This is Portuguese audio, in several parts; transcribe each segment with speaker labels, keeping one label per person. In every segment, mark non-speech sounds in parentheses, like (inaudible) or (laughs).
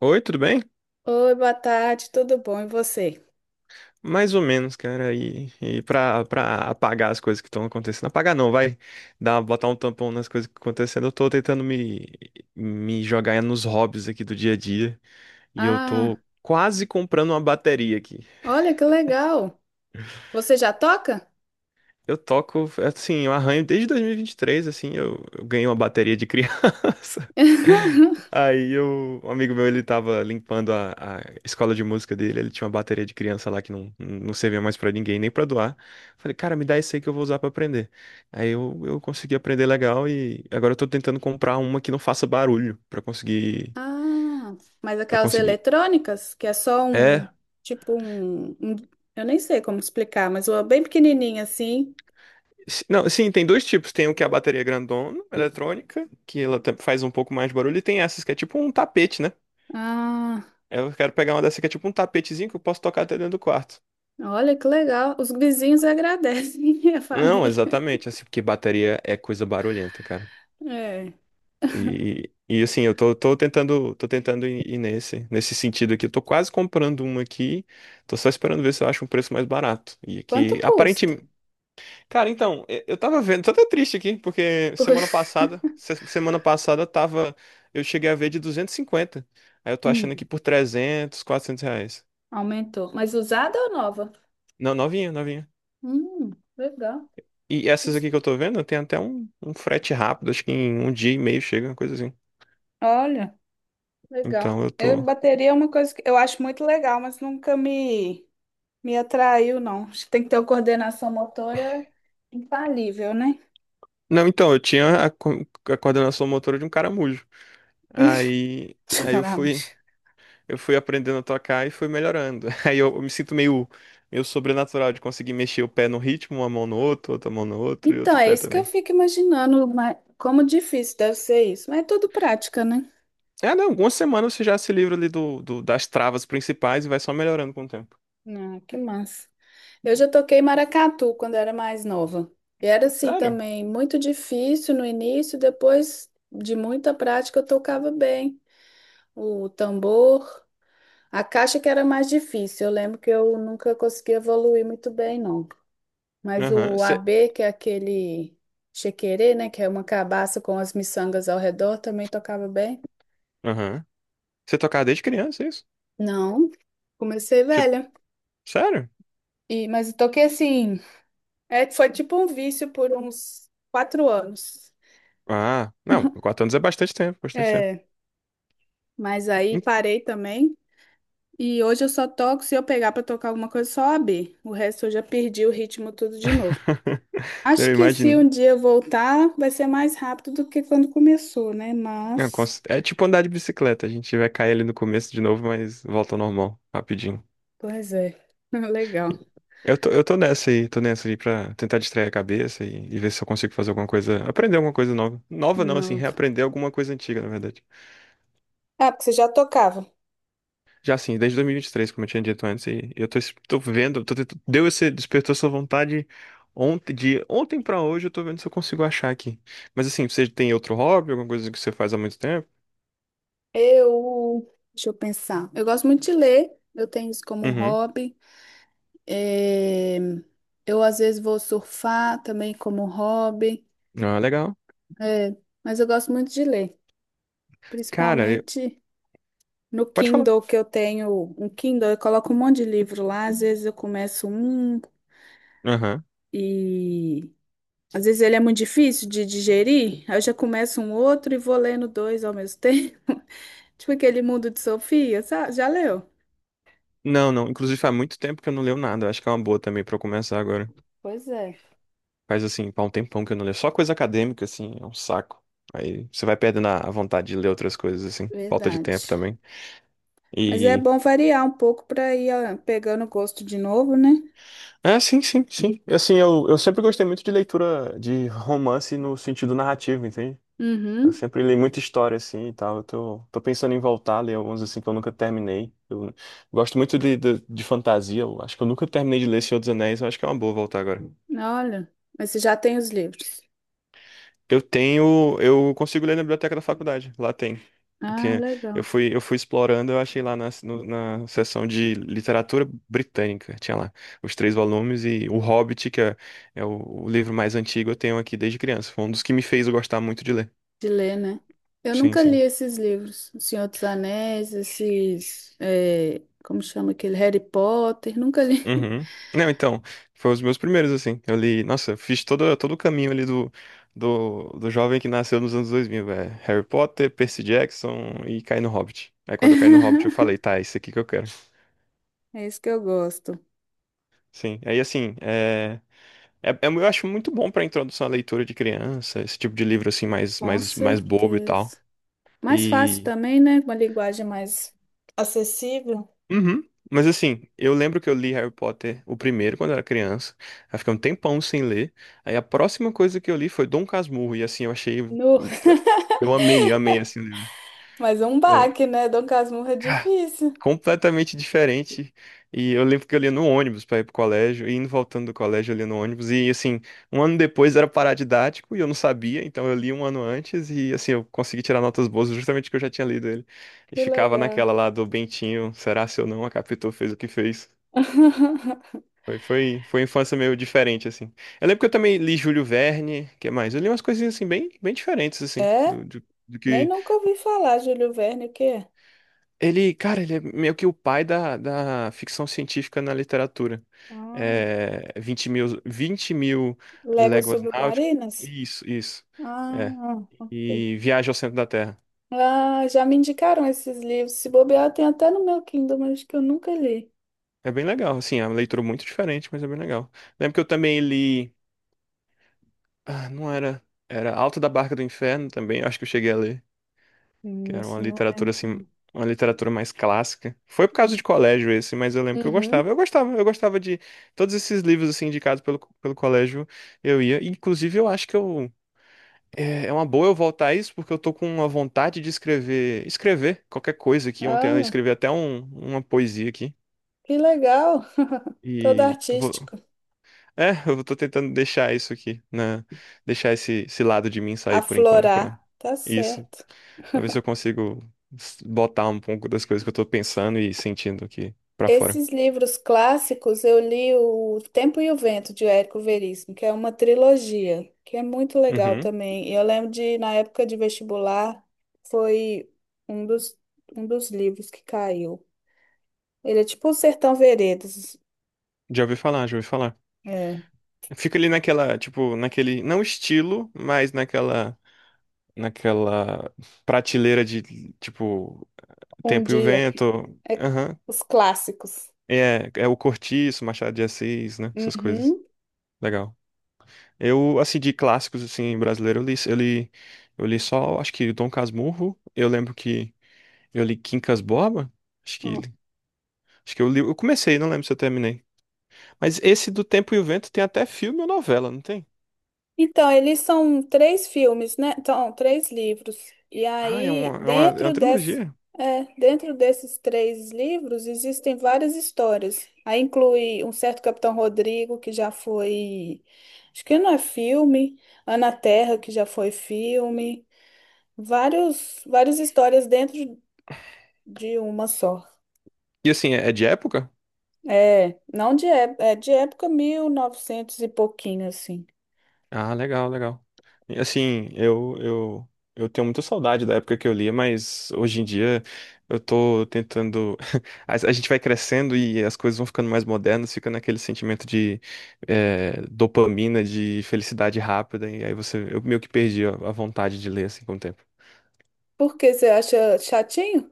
Speaker 1: Oi, tudo bem?
Speaker 2: Oi, boa tarde, tudo bom? E você?
Speaker 1: Mais ou menos, cara. E pra apagar as coisas que estão acontecendo. Apagar não, vai dar, botar um tampão nas coisas que estão acontecendo. Eu tô tentando me, Me jogar nos hobbies aqui do dia a dia. E eu tô
Speaker 2: Ah,
Speaker 1: quase comprando uma bateria aqui.
Speaker 2: olha que legal! Você já toca?
Speaker 1: Eu toco, assim, eu arranho desde 2023, assim, eu ganhei uma bateria de criança. (laughs)
Speaker 2: (laughs)
Speaker 1: Um amigo meu, ele tava limpando a escola de música dele, ele tinha uma bateria de criança lá que não servia mais pra ninguém, nem pra doar. Falei, cara, me dá esse aí que eu vou usar pra aprender. Eu consegui aprender legal e agora eu tô tentando comprar uma que não faça barulho
Speaker 2: Ah, mas
Speaker 1: para
Speaker 2: aquelas
Speaker 1: conseguir.
Speaker 2: eletrônicas, que é só um,
Speaker 1: É,
Speaker 2: tipo um, eu nem sei como explicar, mas uma bem pequenininha assim.
Speaker 1: não, sim, tem dois tipos, tem o que é a bateria grandona, eletrônica, que ela faz um pouco mais de barulho, e tem essas que é tipo um tapete, né?
Speaker 2: Ah,
Speaker 1: Eu quero pegar uma dessa que é tipo um tapetezinho que eu posso tocar até dentro do quarto.
Speaker 2: olha que legal! Os vizinhos agradecem, (laughs) a
Speaker 1: Não,
Speaker 2: família.
Speaker 1: exatamente, assim, porque bateria é coisa barulhenta, cara.
Speaker 2: É.
Speaker 1: E assim, tô tentando, tô tentando ir nesse sentido aqui. Eu tô quase comprando uma aqui, tô só esperando ver se eu acho um preço mais barato. E
Speaker 2: Quanto
Speaker 1: aqui,
Speaker 2: custa?
Speaker 1: aparentemente. Cara, então, eu tava vendo, tô até triste aqui, porque
Speaker 2: Por-
Speaker 1: semana
Speaker 2: (laughs)
Speaker 1: passada, semana passada tava, eu cheguei a ver de 250. Aí eu tô achando aqui
Speaker 2: Hum,
Speaker 1: por 300, 400 reais.
Speaker 2: aumentou. Mas usada ou nova?
Speaker 1: Não, novinha, novinha.
Speaker 2: Hum, legal.
Speaker 1: E essas aqui que eu tô vendo, tem até um frete rápido, acho que em um dia e meio chega, uma coisa assim.
Speaker 2: Olha.
Speaker 1: Então
Speaker 2: Legal.
Speaker 1: eu tô.
Speaker 2: Bateria é uma coisa que eu acho muito legal, mas nunca me atraiu, não. Acho que tem que ter uma coordenação motora infalível, né?
Speaker 1: Não, então, eu tinha a coordenação motora de um caramujo. Aí,
Speaker 2: (laughs)
Speaker 1: aí eu
Speaker 2: Caramba.
Speaker 1: fui, eu fui aprendendo a tocar e fui melhorando. (laughs) Eu me sinto meio sobrenatural de conseguir mexer o pé no ritmo, uma mão no outro, outra mão no outro e
Speaker 2: Então,
Speaker 1: outro
Speaker 2: é
Speaker 1: pé
Speaker 2: isso que eu
Speaker 1: também.
Speaker 2: fico imaginando, mas como difícil deve ser isso. Mas é tudo prática, né?
Speaker 1: É, não, algumas semanas você já se livra ali das travas principais e vai só melhorando com o tempo.
Speaker 2: Ah, que massa. Eu já toquei maracatu quando era mais nova. E era assim
Speaker 1: Sério?
Speaker 2: também, muito difícil no início, depois de muita prática eu tocava bem o tambor. A caixa que era mais difícil, eu lembro que eu nunca consegui evoluir muito bem, não. Mas
Speaker 1: Aham.
Speaker 2: o
Speaker 1: Você,
Speaker 2: AB, que é aquele chequerê, né, que é uma cabaça com as miçangas ao redor, também tocava bem.
Speaker 1: aham. Você tocava desde criança, é isso?
Speaker 2: Não, comecei
Speaker 1: Você-
Speaker 2: velha.
Speaker 1: sério?
Speaker 2: E, mas eu toquei assim, foi tipo um vício por uns 4 anos.
Speaker 1: Ah, não,
Speaker 2: (laughs)
Speaker 1: quatro anos é bastante tempo, bastante tempo.
Speaker 2: É, mas aí
Speaker 1: Hum.
Speaker 2: parei também. E hoje eu só toco se eu pegar pra tocar alguma coisa só AB. O resto eu já perdi o ritmo tudo de novo.
Speaker 1: (laughs)
Speaker 2: Acho
Speaker 1: Eu
Speaker 2: que se
Speaker 1: imagino.
Speaker 2: um dia eu voltar, vai ser mais rápido do que quando começou, né?
Speaker 1: É,
Speaker 2: Mas,
Speaker 1: é tipo andar de bicicleta, a gente vai cair ali no começo de novo, mas volta ao normal, rapidinho.
Speaker 2: pois é, (laughs) legal.
Speaker 1: Eu tô nessa aí pra tentar distrair a cabeça e ver se eu consigo fazer alguma coisa, aprender alguma coisa nova. Nova não, assim,
Speaker 2: Nova.
Speaker 1: reaprender alguma coisa antiga, na verdade.
Speaker 2: Ah, porque você já tocava.
Speaker 1: Já assim, desde dois mil e vinte e três, como eu tinha dito antes, e eu tô, tô vendo, tô tentando, deu esse, despertou essa vontade ontem, de ontem pra hoje, eu tô vendo se eu consigo achar aqui. Mas assim, você tem outro hobby, alguma coisa que você faz há muito tempo?
Speaker 2: Eu, deixa eu pensar. Eu gosto muito de ler, eu tenho isso como um
Speaker 1: Uhum.
Speaker 2: hobby. É, eu às vezes vou surfar também como um hobby.
Speaker 1: Ah, legal.
Speaker 2: É, mas eu gosto muito de ler,
Speaker 1: Cara, eu-
Speaker 2: principalmente no
Speaker 1: pode falar.
Speaker 2: Kindle que eu tenho, um Kindle, eu coloco um monte de livro lá, às vezes eu começo um
Speaker 1: Aham.
Speaker 2: e às vezes ele é muito difícil de digerir, aí eu já começo um outro e vou lendo dois ao mesmo (laughs) tempo. Tipo aquele Mundo de Sofia, sabe? Já leu?
Speaker 1: Não, não. Inclusive, faz muito tempo que eu não leio nada. Acho que é uma boa também pra eu começar agora.
Speaker 2: Pois é.
Speaker 1: Faz assim, faz um tempão que eu não leio. Só coisa acadêmica, assim, é um saco. Aí você vai perdendo a vontade de ler outras coisas, assim. Falta de tempo
Speaker 2: Verdade.
Speaker 1: também.
Speaker 2: Mas é
Speaker 1: E.
Speaker 2: bom variar um pouco para ir ó, pegando o gosto de novo, né?
Speaker 1: Ah, sim, sim, sim. Assim, eu sempre gostei muito de leitura de romance no sentido narrativo, entende? Eu
Speaker 2: Uhum.
Speaker 1: sempre li muita história, assim, e tal. Tô pensando em voltar a ler alguns, assim, que eu nunca terminei. Eu gosto muito de fantasia. Eu acho que eu nunca terminei de ler Senhor dos Anéis. Eu acho que é uma boa voltar agora.
Speaker 2: Olha. Mas você já tem os livros?
Speaker 1: Eu tenho, eu consigo ler na biblioteca da faculdade, lá tem. Eu
Speaker 2: Ah,
Speaker 1: tinha-
Speaker 2: legal.
Speaker 1: eu fui explorando, eu achei lá na, no- na seção de literatura britânica, tinha lá os três volumes e O Hobbit, que é, é o livro mais antigo, eu tenho aqui desde criança. Foi um dos que me fez gostar muito de ler.
Speaker 2: De ler, né? Eu
Speaker 1: Sim,
Speaker 2: nunca li
Speaker 1: sim.
Speaker 2: esses livros, O Senhor dos Anéis, como chama aquele? Harry Potter, nunca li.
Speaker 1: Uhum. Não, então, foi os meus primeiros, assim. Eu li, nossa, eu fiz todo o caminho ali do jovem que nasceu nos anos 2000, velho. Harry Potter, Percy Jackson e caí no Hobbit. Aí quando eu caí no Hobbit, eu falei,
Speaker 2: (laughs)
Speaker 1: tá, é isso aqui que eu quero.
Speaker 2: É isso que eu gosto.
Speaker 1: Sim, aí assim, eu acho muito bom pra introdução à leitura de criança, esse tipo de livro assim mais
Speaker 2: Com
Speaker 1: mais mais bobo e
Speaker 2: certeza.
Speaker 1: tal.
Speaker 2: Mais fácil
Speaker 1: E
Speaker 2: também, né? Uma linguagem mais assim,
Speaker 1: Uhum. Mas assim, eu lembro que eu li Harry Potter o primeiro quando eu era criança, aí fiquei um tempão sem ler. Aí a próxima coisa que eu li foi Dom Casmurro e assim eu achei,
Speaker 2: no... (laughs)
Speaker 1: eu amei esse livro.
Speaker 2: Mas é um baque, né? Dom Casmurro é
Speaker 1: Cara,
Speaker 2: difícil.
Speaker 1: completamente diferente. E eu lembro que eu lia no ônibus para ir pro colégio, e indo e voltando do colégio, eu lia no ônibus. E assim, um ano depois era paradidático e eu não sabia, então eu li um ano antes e assim, eu consegui tirar notas boas justamente porque eu já tinha lido ele. E
Speaker 2: Que
Speaker 1: ficava
Speaker 2: legal.
Speaker 1: naquela lá do Bentinho, será se eu não, a Capitu fez o que fez.
Speaker 2: (laughs)
Speaker 1: Foi uma infância meio diferente, assim. Eu lembro que eu também li Júlio Verne, que mais? Eu li umas coisinhas assim, bem, bem diferentes, assim,
Speaker 2: É?
Speaker 1: do,
Speaker 2: Nem
Speaker 1: que
Speaker 2: nunca ouvi falar, Júlio Verne, o quê?
Speaker 1: Ele, cara, ele é meio que o pai da ficção científica na literatura.
Speaker 2: Ah,
Speaker 1: É, 20 mil, 20 mil
Speaker 2: Léguas
Speaker 1: léguas náuticas.
Speaker 2: Submarinas?
Speaker 1: Isso, isso. É.
Speaker 2: Ah, ok.
Speaker 1: E Viagem ao Centro da Terra.
Speaker 2: Ah, já me indicaram esses livros. Se bobear, tem até no meu Kindle, mas acho que eu nunca li.
Speaker 1: É bem legal, assim, é uma leitura muito diferente, mas é bem legal. Lembro que eu também li. Ah, não era. Era Alto da Barca do Inferno também, acho que eu cheguei a ler. Que era uma
Speaker 2: Esse não
Speaker 1: literatura
Speaker 2: lembro,
Speaker 1: assim,
Speaker 2: não.
Speaker 1: uma literatura mais clássica. Foi por causa de colégio esse, mas eu lembro que eu gostava.
Speaker 2: Uhum.
Speaker 1: Eu gostava de todos esses livros assim indicados pelo colégio, eu ia. Inclusive, eu acho que eu é é uma boa eu voltar a isso porque eu tô com uma vontade de escrever, escrever qualquer coisa aqui. Ontem eu
Speaker 2: Olha,
Speaker 1: escrevi até uma poesia aqui.
Speaker 2: que legal. (laughs) Todo
Speaker 1: E tu vou,
Speaker 2: artístico.
Speaker 1: eu tô tentando deixar isso aqui, né? Deixar esse lado de mim sair por enquanto pra
Speaker 2: Aflorar, tá
Speaker 1: isso.
Speaker 2: certo.
Speaker 1: Pra ver se eu consigo botar um pouco das coisas que eu tô pensando e sentindo aqui pra fora.
Speaker 2: Esses livros clássicos, eu li O Tempo e o Vento, de Érico Veríssimo, que é uma trilogia, que é muito legal
Speaker 1: Uhum.
Speaker 2: também. E eu lembro de, na época de vestibular, foi um dos, um dos livros que caiu. Ele é tipo o Sertão Veredas.
Speaker 1: Já ouvi falar, já ouvi falar.
Speaker 2: É.
Speaker 1: Fica ali naquela, tipo, naquele, não estilo, mas naquela, naquela prateleira de, tipo,
Speaker 2: Um
Speaker 1: Tempo e o
Speaker 2: dia.
Speaker 1: Vento.
Speaker 2: É
Speaker 1: Aham.
Speaker 2: os clássicos.
Speaker 1: É, é o Cortiço, Machado de Assis, né? Essas coisas.
Speaker 2: Uhum.
Speaker 1: Legal. Eu, assim, de clássicos, assim, brasileiro, eu li só, acho que Dom Casmurro. Eu lembro que eu li Quincas Borba. Acho que, acho que eu li, eu comecei, não lembro se eu terminei. Mas esse do Tempo e o Vento tem até filme ou novela, não tem?
Speaker 2: Então, eles são três filmes, né? Então, três livros. E
Speaker 1: Ah,
Speaker 2: aí,
Speaker 1: é uma trilogia.
Speaker 2: dentro desses três livros, existem várias histórias. Aí inclui um certo Capitão Rodrigo, que já foi, acho que não é filme, Ana Terra, que já foi filme, várias histórias dentro de uma só.
Speaker 1: E assim, é de época?
Speaker 2: É, não de, é, é de época 1900 e pouquinho, assim.
Speaker 1: Ah, legal, legal. E assim, eu tenho muita saudade da época que eu lia, mas hoje em dia eu tô tentando. (laughs) A gente vai crescendo e as coisas vão ficando mais modernas, fica naquele sentimento de é, dopamina, de felicidade rápida, e aí você, eu meio que perdi a vontade de ler assim com o tempo.
Speaker 2: Por que você acha chatinho?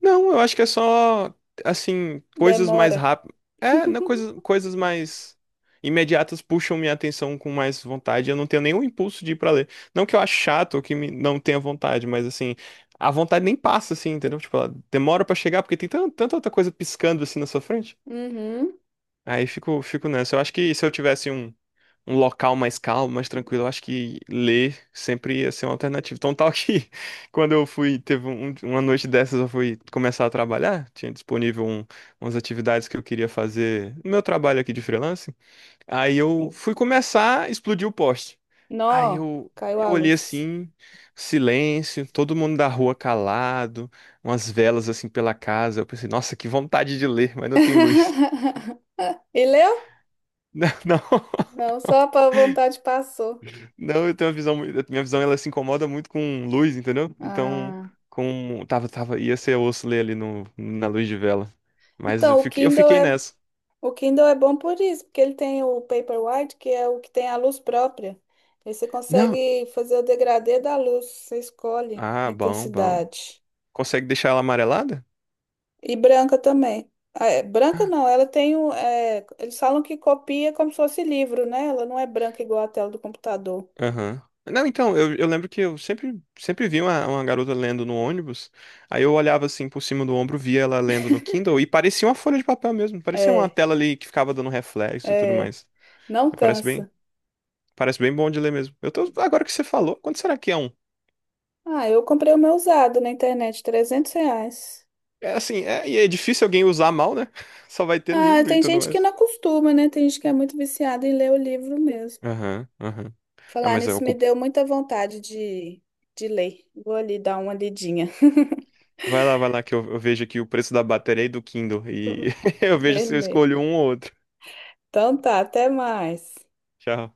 Speaker 1: Não, eu acho que é só, assim, coisas mais
Speaker 2: Demora.
Speaker 1: rápidas. É, não, coisas mais imediatas puxam minha atenção com mais vontade. Eu não tenho nenhum impulso de ir pra ler. Não que eu ache chato ou que não tenha vontade, mas, assim, a vontade nem passa, assim, entendeu? Tipo, ela demora pra chegar porque tem tanta outra coisa piscando, assim, na sua frente.
Speaker 2: Uhum.
Speaker 1: Aí fico nessa. Eu acho que se eu tivesse um local mais calmo, mais tranquilo, eu acho que ler sempre ia ser uma alternativa. Então, tal que (laughs) quando eu fui, teve uma noite dessas, eu fui começar a trabalhar, tinha disponível umas atividades que eu queria fazer no meu trabalho aqui de freelance. Aí eu fui começar, explodiu o poste.
Speaker 2: Nó, caiu
Speaker 1: Eu
Speaker 2: a
Speaker 1: olhei
Speaker 2: luz.
Speaker 1: assim, silêncio, todo mundo da rua calado, umas velas assim pela casa. Eu pensei, nossa, que vontade de ler, mas não tem luz.
Speaker 2: (laughs) E leu?
Speaker 1: Não, não,
Speaker 2: Não, só a vontade passou.
Speaker 1: (laughs) não, eu tenho minha visão ela se incomoda muito com luz, entendeu? Então,
Speaker 2: Ah,
Speaker 1: com tava ia ser osso ler ali no, na luz de vela. Mas
Speaker 2: então o
Speaker 1: eu
Speaker 2: Kindle
Speaker 1: fiquei
Speaker 2: é
Speaker 1: nessa.
Speaker 2: o Kindle é bom por isso, porque ele tem o Paperwhite, que é o que tem a luz própria. Aí você
Speaker 1: Não.
Speaker 2: consegue fazer o degradê da luz, você escolhe a
Speaker 1: Ah, bom, bom.
Speaker 2: intensidade.
Speaker 1: Consegue deixar ela amarelada?
Speaker 2: E branca também. Ah, é, branca não, ela eles falam que copia como se fosse livro, né? Ela não é branca igual a tela do computador.
Speaker 1: Aham. Não, então, eu lembro que eu sempre vi uma garota lendo no ônibus. Aí eu olhava assim por cima do ombro, via ela lendo no Kindle e parecia uma folha de papel mesmo. Parecia uma
Speaker 2: É,
Speaker 1: tela ali que ficava dando reflexo e tudo
Speaker 2: é,
Speaker 1: mais.
Speaker 2: não
Speaker 1: Parece bem.
Speaker 2: cansa.
Speaker 1: Parece bem bom de ler mesmo. Eu tô, agora que você falou, quando será que é um?
Speaker 2: Ah, eu comprei o meu usado na internet, R$ 300.
Speaker 1: É assim, é, e é difícil alguém usar mal, né? (laughs) Só vai ter
Speaker 2: Ah,
Speaker 1: livro e
Speaker 2: tem
Speaker 1: tudo
Speaker 2: gente que
Speaker 1: mais.
Speaker 2: não acostuma, né? Tem gente que é muito viciada em ler o livro mesmo.
Speaker 1: Aham, aham. Ah,
Speaker 2: Falar
Speaker 1: mas eu
Speaker 2: nisso me
Speaker 1: ocupo.
Speaker 2: deu muita vontade de, ler. Vou ali dar uma lidinha.
Speaker 1: Vai lá, que eu vejo aqui o preço da bateria e do Kindle. E
Speaker 2: (laughs)
Speaker 1: (laughs) eu vejo se eu
Speaker 2: Beleza.
Speaker 1: escolho um ou outro.
Speaker 2: Então tá, até mais.
Speaker 1: Tchau.